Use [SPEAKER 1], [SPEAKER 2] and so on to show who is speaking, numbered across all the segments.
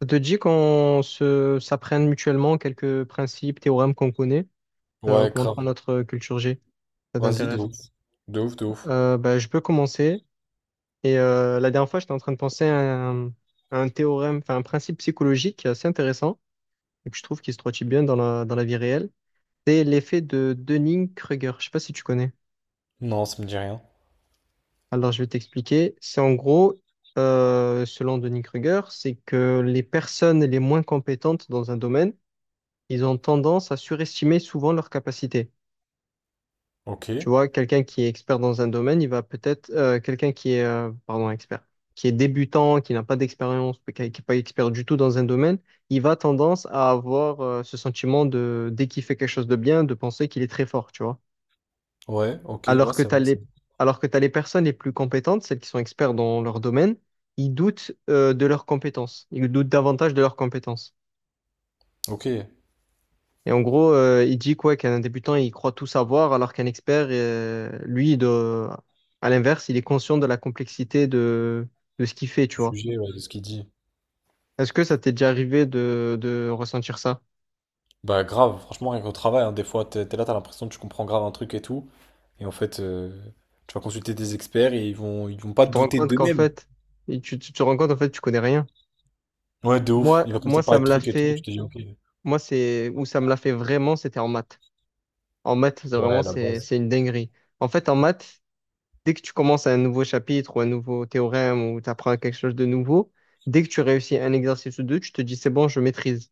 [SPEAKER 1] Ça te dit qu'on se s'apprenne mutuellement quelques principes, théorèmes qu'on connaît,
[SPEAKER 2] Ouais, grave.
[SPEAKER 1] augmentera notre culture G. Ça
[SPEAKER 2] Vas-y, de
[SPEAKER 1] t'intéresse?
[SPEAKER 2] ouf. De ouf, de ouf.
[SPEAKER 1] Je peux commencer. Et la dernière fois, j'étais en train de penser à un théorème, enfin un principe psychologique qui est assez intéressant et que je trouve qui se traduit bien dans dans la vie réelle. C'est l'effet de Dunning-Kruger. Je sais pas si tu connais.
[SPEAKER 2] Non, ça me dit rien.
[SPEAKER 1] Alors, je vais t'expliquer. C'est en gros, selon Dunning-Kruger, c'est que les personnes les moins compétentes dans un domaine ils ont tendance à surestimer souvent leurs capacités.
[SPEAKER 2] Ok.
[SPEAKER 1] Tu vois, quelqu'un qui est expert dans un domaine, il va peut-être, quelqu'un qui est, pardon, expert, qui est débutant, qui n'a pas d'expérience, qui n'est pas expert du tout dans un domaine, il va tendance à avoir, ce sentiment de, dès qu'il fait quelque chose de bien, de penser qu'il est très fort, tu vois.
[SPEAKER 2] Ouais, ok. Ouais,
[SPEAKER 1] Alors que
[SPEAKER 2] c'est
[SPEAKER 1] t'as
[SPEAKER 2] vrai, c'est
[SPEAKER 1] les,
[SPEAKER 2] vrai.
[SPEAKER 1] alors que t'as les personnes les plus compétentes, celles qui sont experts dans leur domaine, ils doutent, de leurs compétences. Ils doutent davantage de leurs compétences.
[SPEAKER 2] Ok.
[SPEAKER 1] Et en gros, il dit quoi qu'un débutant, il croit tout savoir, alors qu'un expert, lui, à l'inverse, il est conscient de la complexité de ce qu'il fait, tu vois.
[SPEAKER 2] Jugé, ouais, de ce qu'il dit.
[SPEAKER 1] Est-ce que ça t'est déjà arrivé de ressentir ça?
[SPEAKER 2] Bah, grave. Franchement, rien qu'au travail, hein, des fois, t'es là, t'as l'impression que tu comprends grave un truc et tout. Et en fait, tu vas consulter des experts et ils vont pas
[SPEAKER 1] Tu te rends
[SPEAKER 2] douter
[SPEAKER 1] compte qu'en
[SPEAKER 2] d'eux-mêmes.
[SPEAKER 1] fait, et tu te rends compte en fait, tu connais rien.
[SPEAKER 2] Ouais, de ouf.
[SPEAKER 1] Moi,
[SPEAKER 2] Il va commencer
[SPEAKER 1] moi,
[SPEAKER 2] à
[SPEAKER 1] ça
[SPEAKER 2] parler de
[SPEAKER 1] me l'a
[SPEAKER 2] trucs et tout. Tu
[SPEAKER 1] fait.
[SPEAKER 2] te dis, ok.
[SPEAKER 1] Moi, c'est où ça me l'a fait vraiment, c'était en maths. En maths,
[SPEAKER 2] Ouais, la base.
[SPEAKER 1] c'est une dinguerie. En fait, en maths, dès que tu commences un nouveau chapitre ou un nouveau théorème ou tu apprends quelque chose de nouveau, dès que tu réussis un exercice ou deux, tu te dis c'est bon, je maîtrise.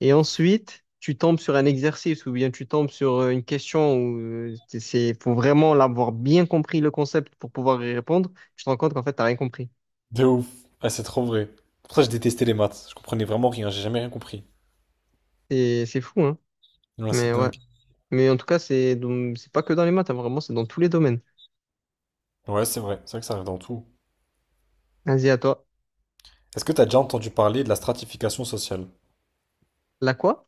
[SPEAKER 1] Et ensuite, tu tombes sur un exercice ou bien tu tombes sur une question où faut vraiment l'avoir bien compris le concept pour pouvoir y répondre. Tu te rends compte qu'en fait, t'as rien compris.
[SPEAKER 2] De ouf. Ah, c'est trop vrai. Pour ça, je détestais les maths. Je comprenais vraiment rien. J'ai jamais rien compris.
[SPEAKER 1] C'est fou, hein?
[SPEAKER 2] Non, là, c'est
[SPEAKER 1] Mais ouais.
[SPEAKER 2] dingue.
[SPEAKER 1] Mais en tout cas, c'est pas que dans les maths, hein, vraiment, c'est dans tous les domaines.
[SPEAKER 2] Ouais, c'est vrai. C'est vrai que ça arrive dans tout.
[SPEAKER 1] Vas-y, à toi.
[SPEAKER 2] Est-ce que tu as déjà entendu parler de la stratification sociale?
[SPEAKER 1] La quoi?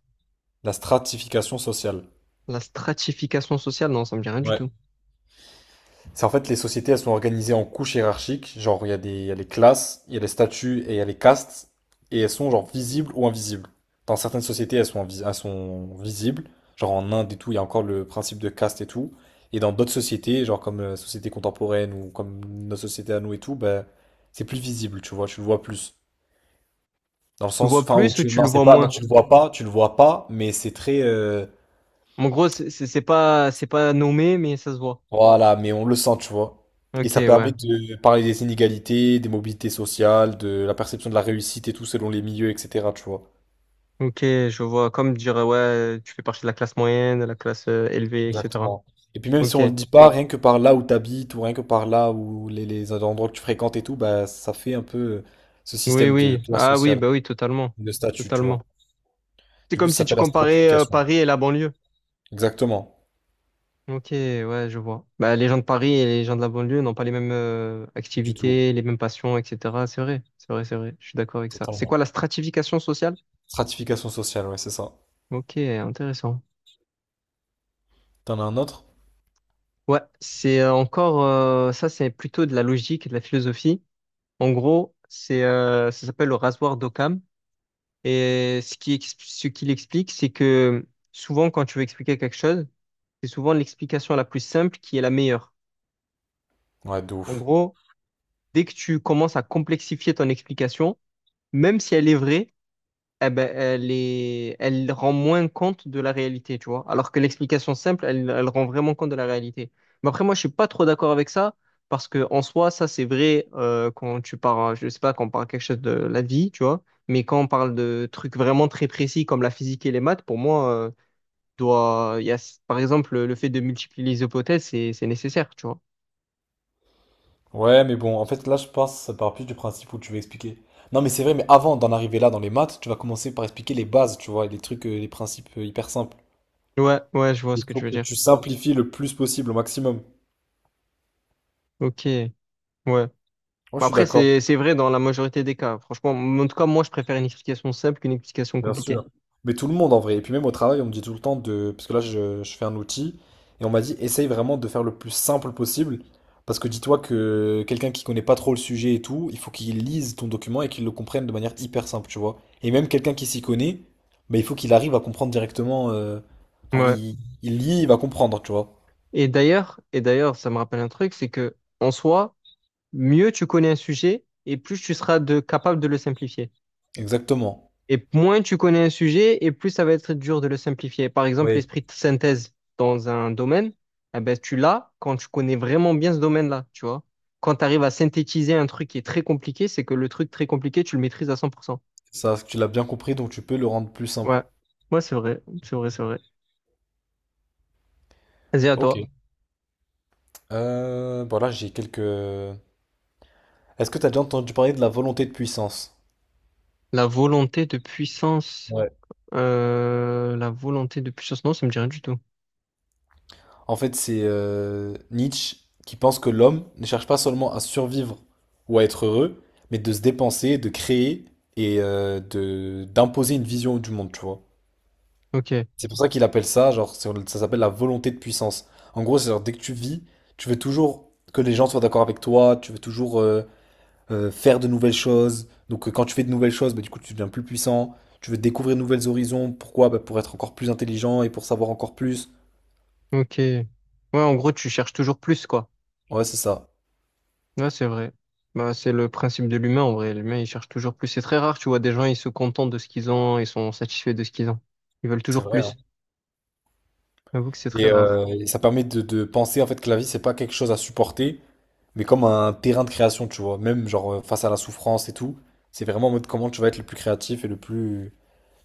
[SPEAKER 2] La stratification sociale.
[SPEAKER 1] La stratification sociale? Non, ça me dit rien du
[SPEAKER 2] Ouais.
[SPEAKER 1] tout.
[SPEAKER 2] C'est en fait les sociétés, elles sont organisées en couches hiérarchiques. Genre, il y a les classes, il y a les statuts et il y a les castes. Et elles sont genre visibles ou invisibles. Dans certaines sociétés, elles sont visibles. Genre en Inde et tout, il y a encore le principe de caste et tout. Et dans d'autres sociétés, genre comme la société contemporaine ou comme notre société à nous et tout, ben, c'est plus visible, tu vois, tu le vois plus. Dans le
[SPEAKER 1] Tu le
[SPEAKER 2] sens,
[SPEAKER 1] vois
[SPEAKER 2] enfin, où
[SPEAKER 1] plus ou
[SPEAKER 2] tu,
[SPEAKER 1] tu
[SPEAKER 2] non,
[SPEAKER 1] le
[SPEAKER 2] c'est
[SPEAKER 1] vois
[SPEAKER 2] pas, non,
[SPEAKER 1] moins?
[SPEAKER 2] tu le vois pas, mais c'est très.
[SPEAKER 1] En gros, c'est pas nommé, mais ça se voit.
[SPEAKER 2] Voilà, mais on le sent, tu vois. Et
[SPEAKER 1] Ok,
[SPEAKER 2] ça
[SPEAKER 1] ouais.
[SPEAKER 2] permet de parler des inégalités, des mobilités sociales, de la perception de la réussite et tout selon les milieux, etc., tu vois.
[SPEAKER 1] Ok, je vois. Comme dire, ouais, tu fais partie de la classe moyenne, de la classe élevée, etc.
[SPEAKER 2] Exactement. Et puis même si
[SPEAKER 1] Ok.
[SPEAKER 2] on le dit pas, rien que par là où t'habites, ou rien que par là où les endroits que tu fréquentes et tout, bah ça fait un peu, ce
[SPEAKER 1] Oui,
[SPEAKER 2] système de
[SPEAKER 1] oui.
[SPEAKER 2] classe
[SPEAKER 1] Ah oui,
[SPEAKER 2] sociale,
[SPEAKER 1] bah oui, totalement.
[SPEAKER 2] de statut, tu vois.
[SPEAKER 1] Totalement. C'est
[SPEAKER 2] Du coup,
[SPEAKER 1] comme
[SPEAKER 2] ça
[SPEAKER 1] si tu
[SPEAKER 2] s'appelle la
[SPEAKER 1] comparais
[SPEAKER 2] stratification.
[SPEAKER 1] Paris et la banlieue.
[SPEAKER 2] Exactement.
[SPEAKER 1] Ok, ouais, je vois. Bah, les gens de Paris et les gens de la banlieue n'ont pas les mêmes
[SPEAKER 2] Du tout.
[SPEAKER 1] activités, les mêmes passions, etc. C'est vrai, c'est vrai, c'est vrai. Je suis d'accord avec ça. C'est quoi la
[SPEAKER 2] Totalement.
[SPEAKER 1] stratification sociale?
[SPEAKER 2] Stratification sociale, ouais, c'est ça.
[SPEAKER 1] Ok, intéressant.
[SPEAKER 2] T'en as un autre?
[SPEAKER 1] Ouais, ça, c'est plutôt de la logique et de la philosophie. En gros, c'est ça s'appelle le rasoir d'Occam. Et ce qu'il explique, c'est que souvent, quand tu veux expliquer quelque chose, c'est souvent l'explication la plus simple qui est la meilleure.
[SPEAKER 2] Ouais, de
[SPEAKER 1] En
[SPEAKER 2] ouf.
[SPEAKER 1] gros, dès que tu commences à complexifier ton explication, même si elle est vraie, eh ben, elle rend moins compte de la réalité, tu vois. Alors que l'explication simple, elle, elle rend vraiment compte de la réalité. Mais après, moi, je suis pas trop d'accord avec ça, parce que en soi, ça, c'est vrai quand tu parles, je sais pas, quand on parle quelque chose de la vie, tu vois. Mais quand on parle de trucs vraiment très précis comme la physique et les maths, pour moi, doit, il y a, par exemple, le fait de multiplier les hypothèses, c'est nécessaire, tu vois.
[SPEAKER 2] Ouais, mais bon, en fait, là, je pense, ça part plus du principe où tu veux expliquer. Non, mais c'est vrai, mais avant d'en arriver là dans les maths, tu vas commencer par expliquer les bases, tu vois, et les trucs, les principes hyper simples.
[SPEAKER 1] Ouais, ouais, je vois ce
[SPEAKER 2] Il
[SPEAKER 1] que
[SPEAKER 2] faut
[SPEAKER 1] tu veux
[SPEAKER 2] que
[SPEAKER 1] dire.
[SPEAKER 2] tu simplifies le plus possible, au maximum.
[SPEAKER 1] Ok, ouais. Bah,
[SPEAKER 2] Moi, je suis
[SPEAKER 1] après,
[SPEAKER 2] d'accord.
[SPEAKER 1] c'est vrai dans la majorité des cas. Franchement, en tout cas, moi, je préfère une explication simple qu'une explication
[SPEAKER 2] Bien
[SPEAKER 1] compliquée.
[SPEAKER 2] sûr. Mais tout le monde en vrai. Et puis même au travail, on me dit tout le temps de... Parce que là, je fais un outil. Et on m'a dit, essaye vraiment de faire le plus simple possible. Parce que dis-toi que quelqu'un qui connaît pas trop le sujet et tout, il faut qu'il lise ton document et qu'il le comprenne de manière hyper simple, tu vois. Et même quelqu'un qui s'y connaît, bah, il faut qu'il arrive à comprendre directement. Enfin,
[SPEAKER 1] Ouais.
[SPEAKER 2] il lit, il va comprendre, tu vois.
[SPEAKER 1] Et d'ailleurs, ça me rappelle un truc, c'est que en soi, mieux tu connais un sujet et plus tu seras capable de le simplifier.
[SPEAKER 2] Exactement.
[SPEAKER 1] Et moins tu connais un sujet et plus ça va être dur de le simplifier. Par exemple,
[SPEAKER 2] Oui.
[SPEAKER 1] l'esprit de synthèse dans un domaine, eh ben, tu l'as quand tu connais vraiment bien ce domaine-là, tu vois. Quand tu arrives à synthétiser un truc qui est très compliqué, c'est que le truc très compliqué, tu le maîtrises à cent pour cent.
[SPEAKER 2] Ça, tu l'as bien compris, donc tu peux le rendre plus
[SPEAKER 1] Ouais.
[SPEAKER 2] simple.
[SPEAKER 1] Ouais, c'est vrai. C'est vrai, c'est vrai. Vas-y, à
[SPEAKER 2] Ok.
[SPEAKER 1] toi.
[SPEAKER 2] Voilà, j'ai quelques... Est-ce que tu as déjà entendu parler de la volonté de puissance?
[SPEAKER 1] La volonté de puissance. La volonté de puissance. Non, ça me dit rien du tout.
[SPEAKER 2] En fait, c'est Nietzsche qui pense que l'homme ne cherche pas seulement à survivre ou à être heureux, mais de se dépenser, de créer et de d'imposer une vision du monde, tu vois.
[SPEAKER 1] Ok,
[SPEAKER 2] C'est pour ça qu'il appelle ça, genre, ça s'appelle la volonté de puissance. En gros, c'est genre, dès que tu vis, tu veux toujours que les gens soient d'accord avec toi, tu veux toujours faire de nouvelles choses. Donc, quand tu fais de nouvelles choses, bah, du coup, tu deviens plus puissant. Tu veux découvrir de nouveaux horizons. Pourquoi? Bah, pour être encore plus intelligent et pour savoir encore plus.
[SPEAKER 1] ok. Ouais, en gros, tu cherches toujours plus, quoi.
[SPEAKER 2] Ouais, c'est ça.
[SPEAKER 1] Ouais, c'est vrai. Bah, c'est le principe de l'humain, en vrai. L'humain, il cherche toujours plus. C'est très rare, tu vois, des gens, ils se contentent de ce qu'ils ont, ils sont satisfaits de ce qu'ils ont. Ils veulent
[SPEAKER 2] C'est
[SPEAKER 1] toujours
[SPEAKER 2] vrai, hein.
[SPEAKER 1] plus. J'avoue que c'est très
[SPEAKER 2] Et,
[SPEAKER 1] rare.
[SPEAKER 2] euh, et ça permet de, penser en fait que la vie, c'est pas quelque chose à supporter, mais comme un terrain de création, tu vois. Même genre face à la souffrance et tout, c'est vraiment en mode comment tu vas être le plus créatif et le plus.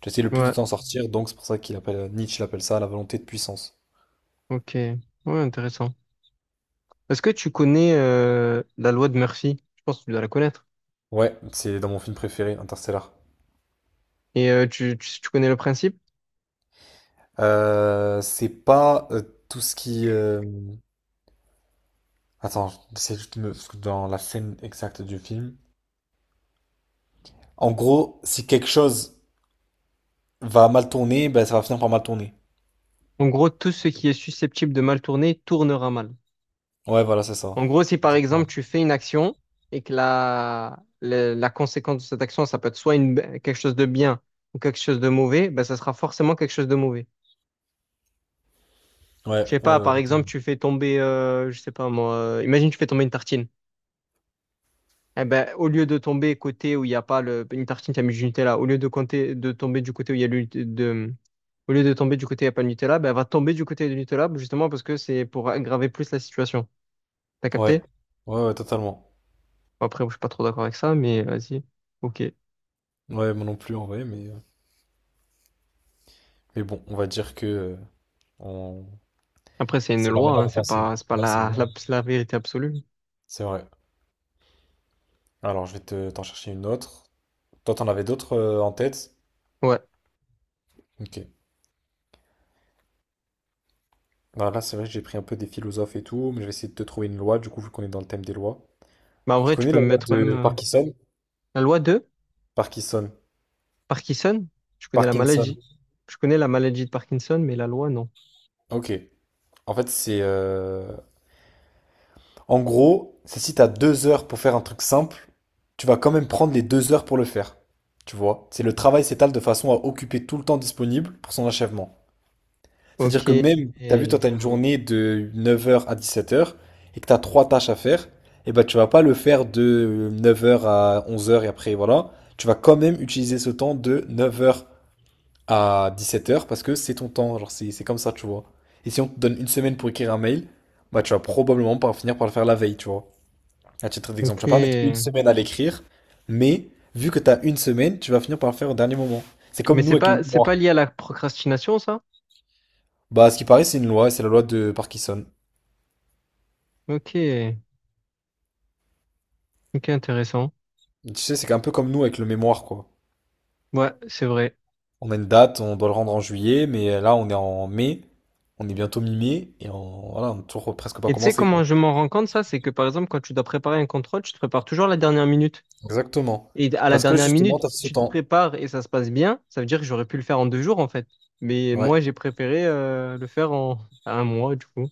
[SPEAKER 2] Tu essaies le plus de
[SPEAKER 1] Ouais,
[SPEAKER 2] t'en sortir, donc c'est pour ça qu'il appelle Nietzsche l'appelle ça la volonté de puissance.
[SPEAKER 1] ok. Ouais, intéressant. Est-ce que tu connais la loi de Murphy? Je pense que tu dois la connaître.
[SPEAKER 2] Ouais, c'est dans mon film préféré, Interstellar.
[SPEAKER 1] Et tu connais le principe?
[SPEAKER 2] C'est pas tout ce qui. Attends, c'est parce que dans la scène exacte du film. En gros, si quelque chose va mal tourner, ben ça va finir par mal tourner.
[SPEAKER 1] En gros, tout ce qui est susceptible de mal tourner tournera mal.
[SPEAKER 2] Ouais, voilà, c'est ça.
[SPEAKER 1] En gros, si par exemple tu fais une action et que la conséquence de cette action, ça peut être quelque chose de bien ou quelque chose de mauvais, ben, ça sera forcément quelque chose de mauvais.
[SPEAKER 2] Ouais,
[SPEAKER 1] Je sais
[SPEAKER 2] ouais,
[SPEAKER 1] pas,
[SPEAKER 2] ouais,
[SPEAKER 1] par exemple, tu fais tomber, je sais pas moi, imagine tu fais tomber une tartine. Eh ben, au lieu de tomber côté où il n'y a pas le, une tartine, tu as mis du Nutella. Au lieu de, compter, de tomber du côté où il y a le, de, au lieu de tomber du côté où il n'y a pas de Nutella, ben, elle va tomber du côté du Nutella justement parce que c'est pour aggraver plus la situation. T'as
[SPEAKER 2] ouais,
[SPEAKER 1] capté?
[SPEAKER 2] ouais, ouais, totalement.
[SPEAKER 1] Bon, après, je suis pas trop d'accord avec ça, mais vas-y. Ok.
[SPEAKER 2] Ouais, moi non plus en vrai, mais bon, on va dire que on...
[SPEAKER 1] Après, c'est une
[SPEAKER 2] c'est leur
[SPEAKER 1] loi,
[SPEAKER 2] manière
[SPEAKER 1] hein,
[SPEAKER 2] de penser.
[SPEAKER 1] c'est pas
[SPEAKER 2] Ouais, c'est
[SPEAKER 1] la,
[SPEAKER 2] vrai.
[SPEAKER 1] la, la vérité absolue.
[SPEAKER 2] C'est vrai. Alors, je vais t'en chercher une autre. Toi, t'en avais d'autres en tête?
[SPEAKER 1] Ouais.
[SPEAKER 2] Ok. Alors là, c'est vrai que j'ai pris un peu des philosophes et tout, mais je vais essayer de te trouver une loi, du coup, vu qu'on est dans le thème des lois.
[SPEAKER 1] Bah, en
[SPEAKER 2] Tu
[SPEAKER 1] vrai, tu
[SPEAKER 2] connais
[SPEAKER 1] peux
[SPEAKER 2] la
[SPEAKER 1] me
[SPEAKER 2] loi
[SPEAKER 1] mettre même
[SPEAKER 2] de Parkinson?
[SPEAKER 1] la loi de
[SPEAKER 2] Parkinson.
[SPEAKER 1] Parkinson. Je connais la
[SPEAKER 2] Parkinson.
[SPEAKER 1] maladie. Je connais la maladie de Parkinson, mais la loi, non.
[SPEAKER 2] Ok. En fait, c'est en gros, c'est si t'as 2 heures pour faire un truc simple, tu vas quand même prendre les 2 heures pour le faire. Tu vois? C'est le travail s'étale de façon à occuper tout le temps disponible pour son achèvement. C'est-à-dire
[SPEAKER 1] Ok.
[SPEAKER 2] que même, t'as vu,
[SPEAKER 1] Et-
[SPEAKER 2] toi, t'as une journée de 9h à 17h et que t'as trois tâches à faire, et ben tu vas pas le faire de 9h à 11h et après, voilà. Tu vas quand même utiliser ce temps de 9h à dix-sept heures parce que c'est ton temps. Genre, c'est comme ça, tu vois. Et si on te donne une semaine pour écrire un mail, bah tu vas probablement pas finir par le faire la veille, tu vois. À titre d'exemple,
[SPEAKER 1] Ok.
[SPEAKER 2] tu vas pas mettre une semaine à l'écrire, mais vu que tu as une semaine, tu vas finir par le faire au dernier moment. C'est
[SPEAKER 1] Mais
[SPEAKER 2] comme nous avec le
[SPEAKER 1] c'est
[SPEAKER 2] mémoire.
[SPEAKER 1] pas lié à la procrastination, ça?
[SPEAKER 2] Bah, à ce qui paraît, c'est une loi, et c'est la loi de Parkinson.
[SPEAKER 1] Ok. Ok, intéressant.
[SPEAKER 2] Tu sais, c'est un peu comme nous avec le mémoire, quoi.
[SPEAKER 1] Ouais, c'est vrai.
[SPEAKER 2] On a une date, on doit le rendre en juillet, mais là, on est en mai, on est bientôt mi-mai, et on, voilà, on n'a toujours presque pas
[SPEAKER 1] Et tu sais
[SPEAKER 2] commencé,
[SPEAKER 1] comment
[SPEAKER 2] quoi.
[SPEAKER 1] je m'en rends compte, ça? C'est que par exemple, quand tu dois préparer un contrôle, tu te prépares toujours à la dernière minute.
[SPEAKER 2] Exactement.
[SPEAKER 1] Et à la
[SPEAKER 2] Parce que
[SPEAKER 1] dernière
[SPEAKER 2] justement,
[SPEAKER 1] minute,
[SPEAKER 2] tu as ce
[SPEAKER 1] tu te
[SPEAKER 2] temps.
[SPEAKER 1] prépares et ça se passe bien. Ça veut dire que j'aurais pu le faire en deux jours, en fait. Mais
[SPEAKER 2] Ouais.
[SPEAKER 1] moi, j'ai préféré le faire en à un mois, du coup.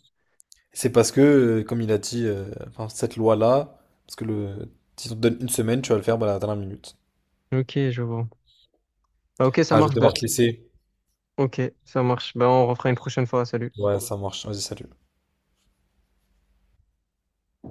[SPEAKER 2] C'est parce que, comme il a dit, enfin, cette loi-là, parce que si on te donne une semaine, tu vas le faire bah, à la dernière minute.
[SPEAKER 1] Ok, je vois. Bah, ok, ça
[SPEAKER 2] Ah, je vais
[SPEAKER 1] marche. Bah,
[SPEAKER 2] devoir te laisser.
[SPEAKER 1] ok, ça marche. Bah, on refera une prochaine fois. Salut.
[SPEAKER 2] Ouais, ça marche. Vas-y, salut.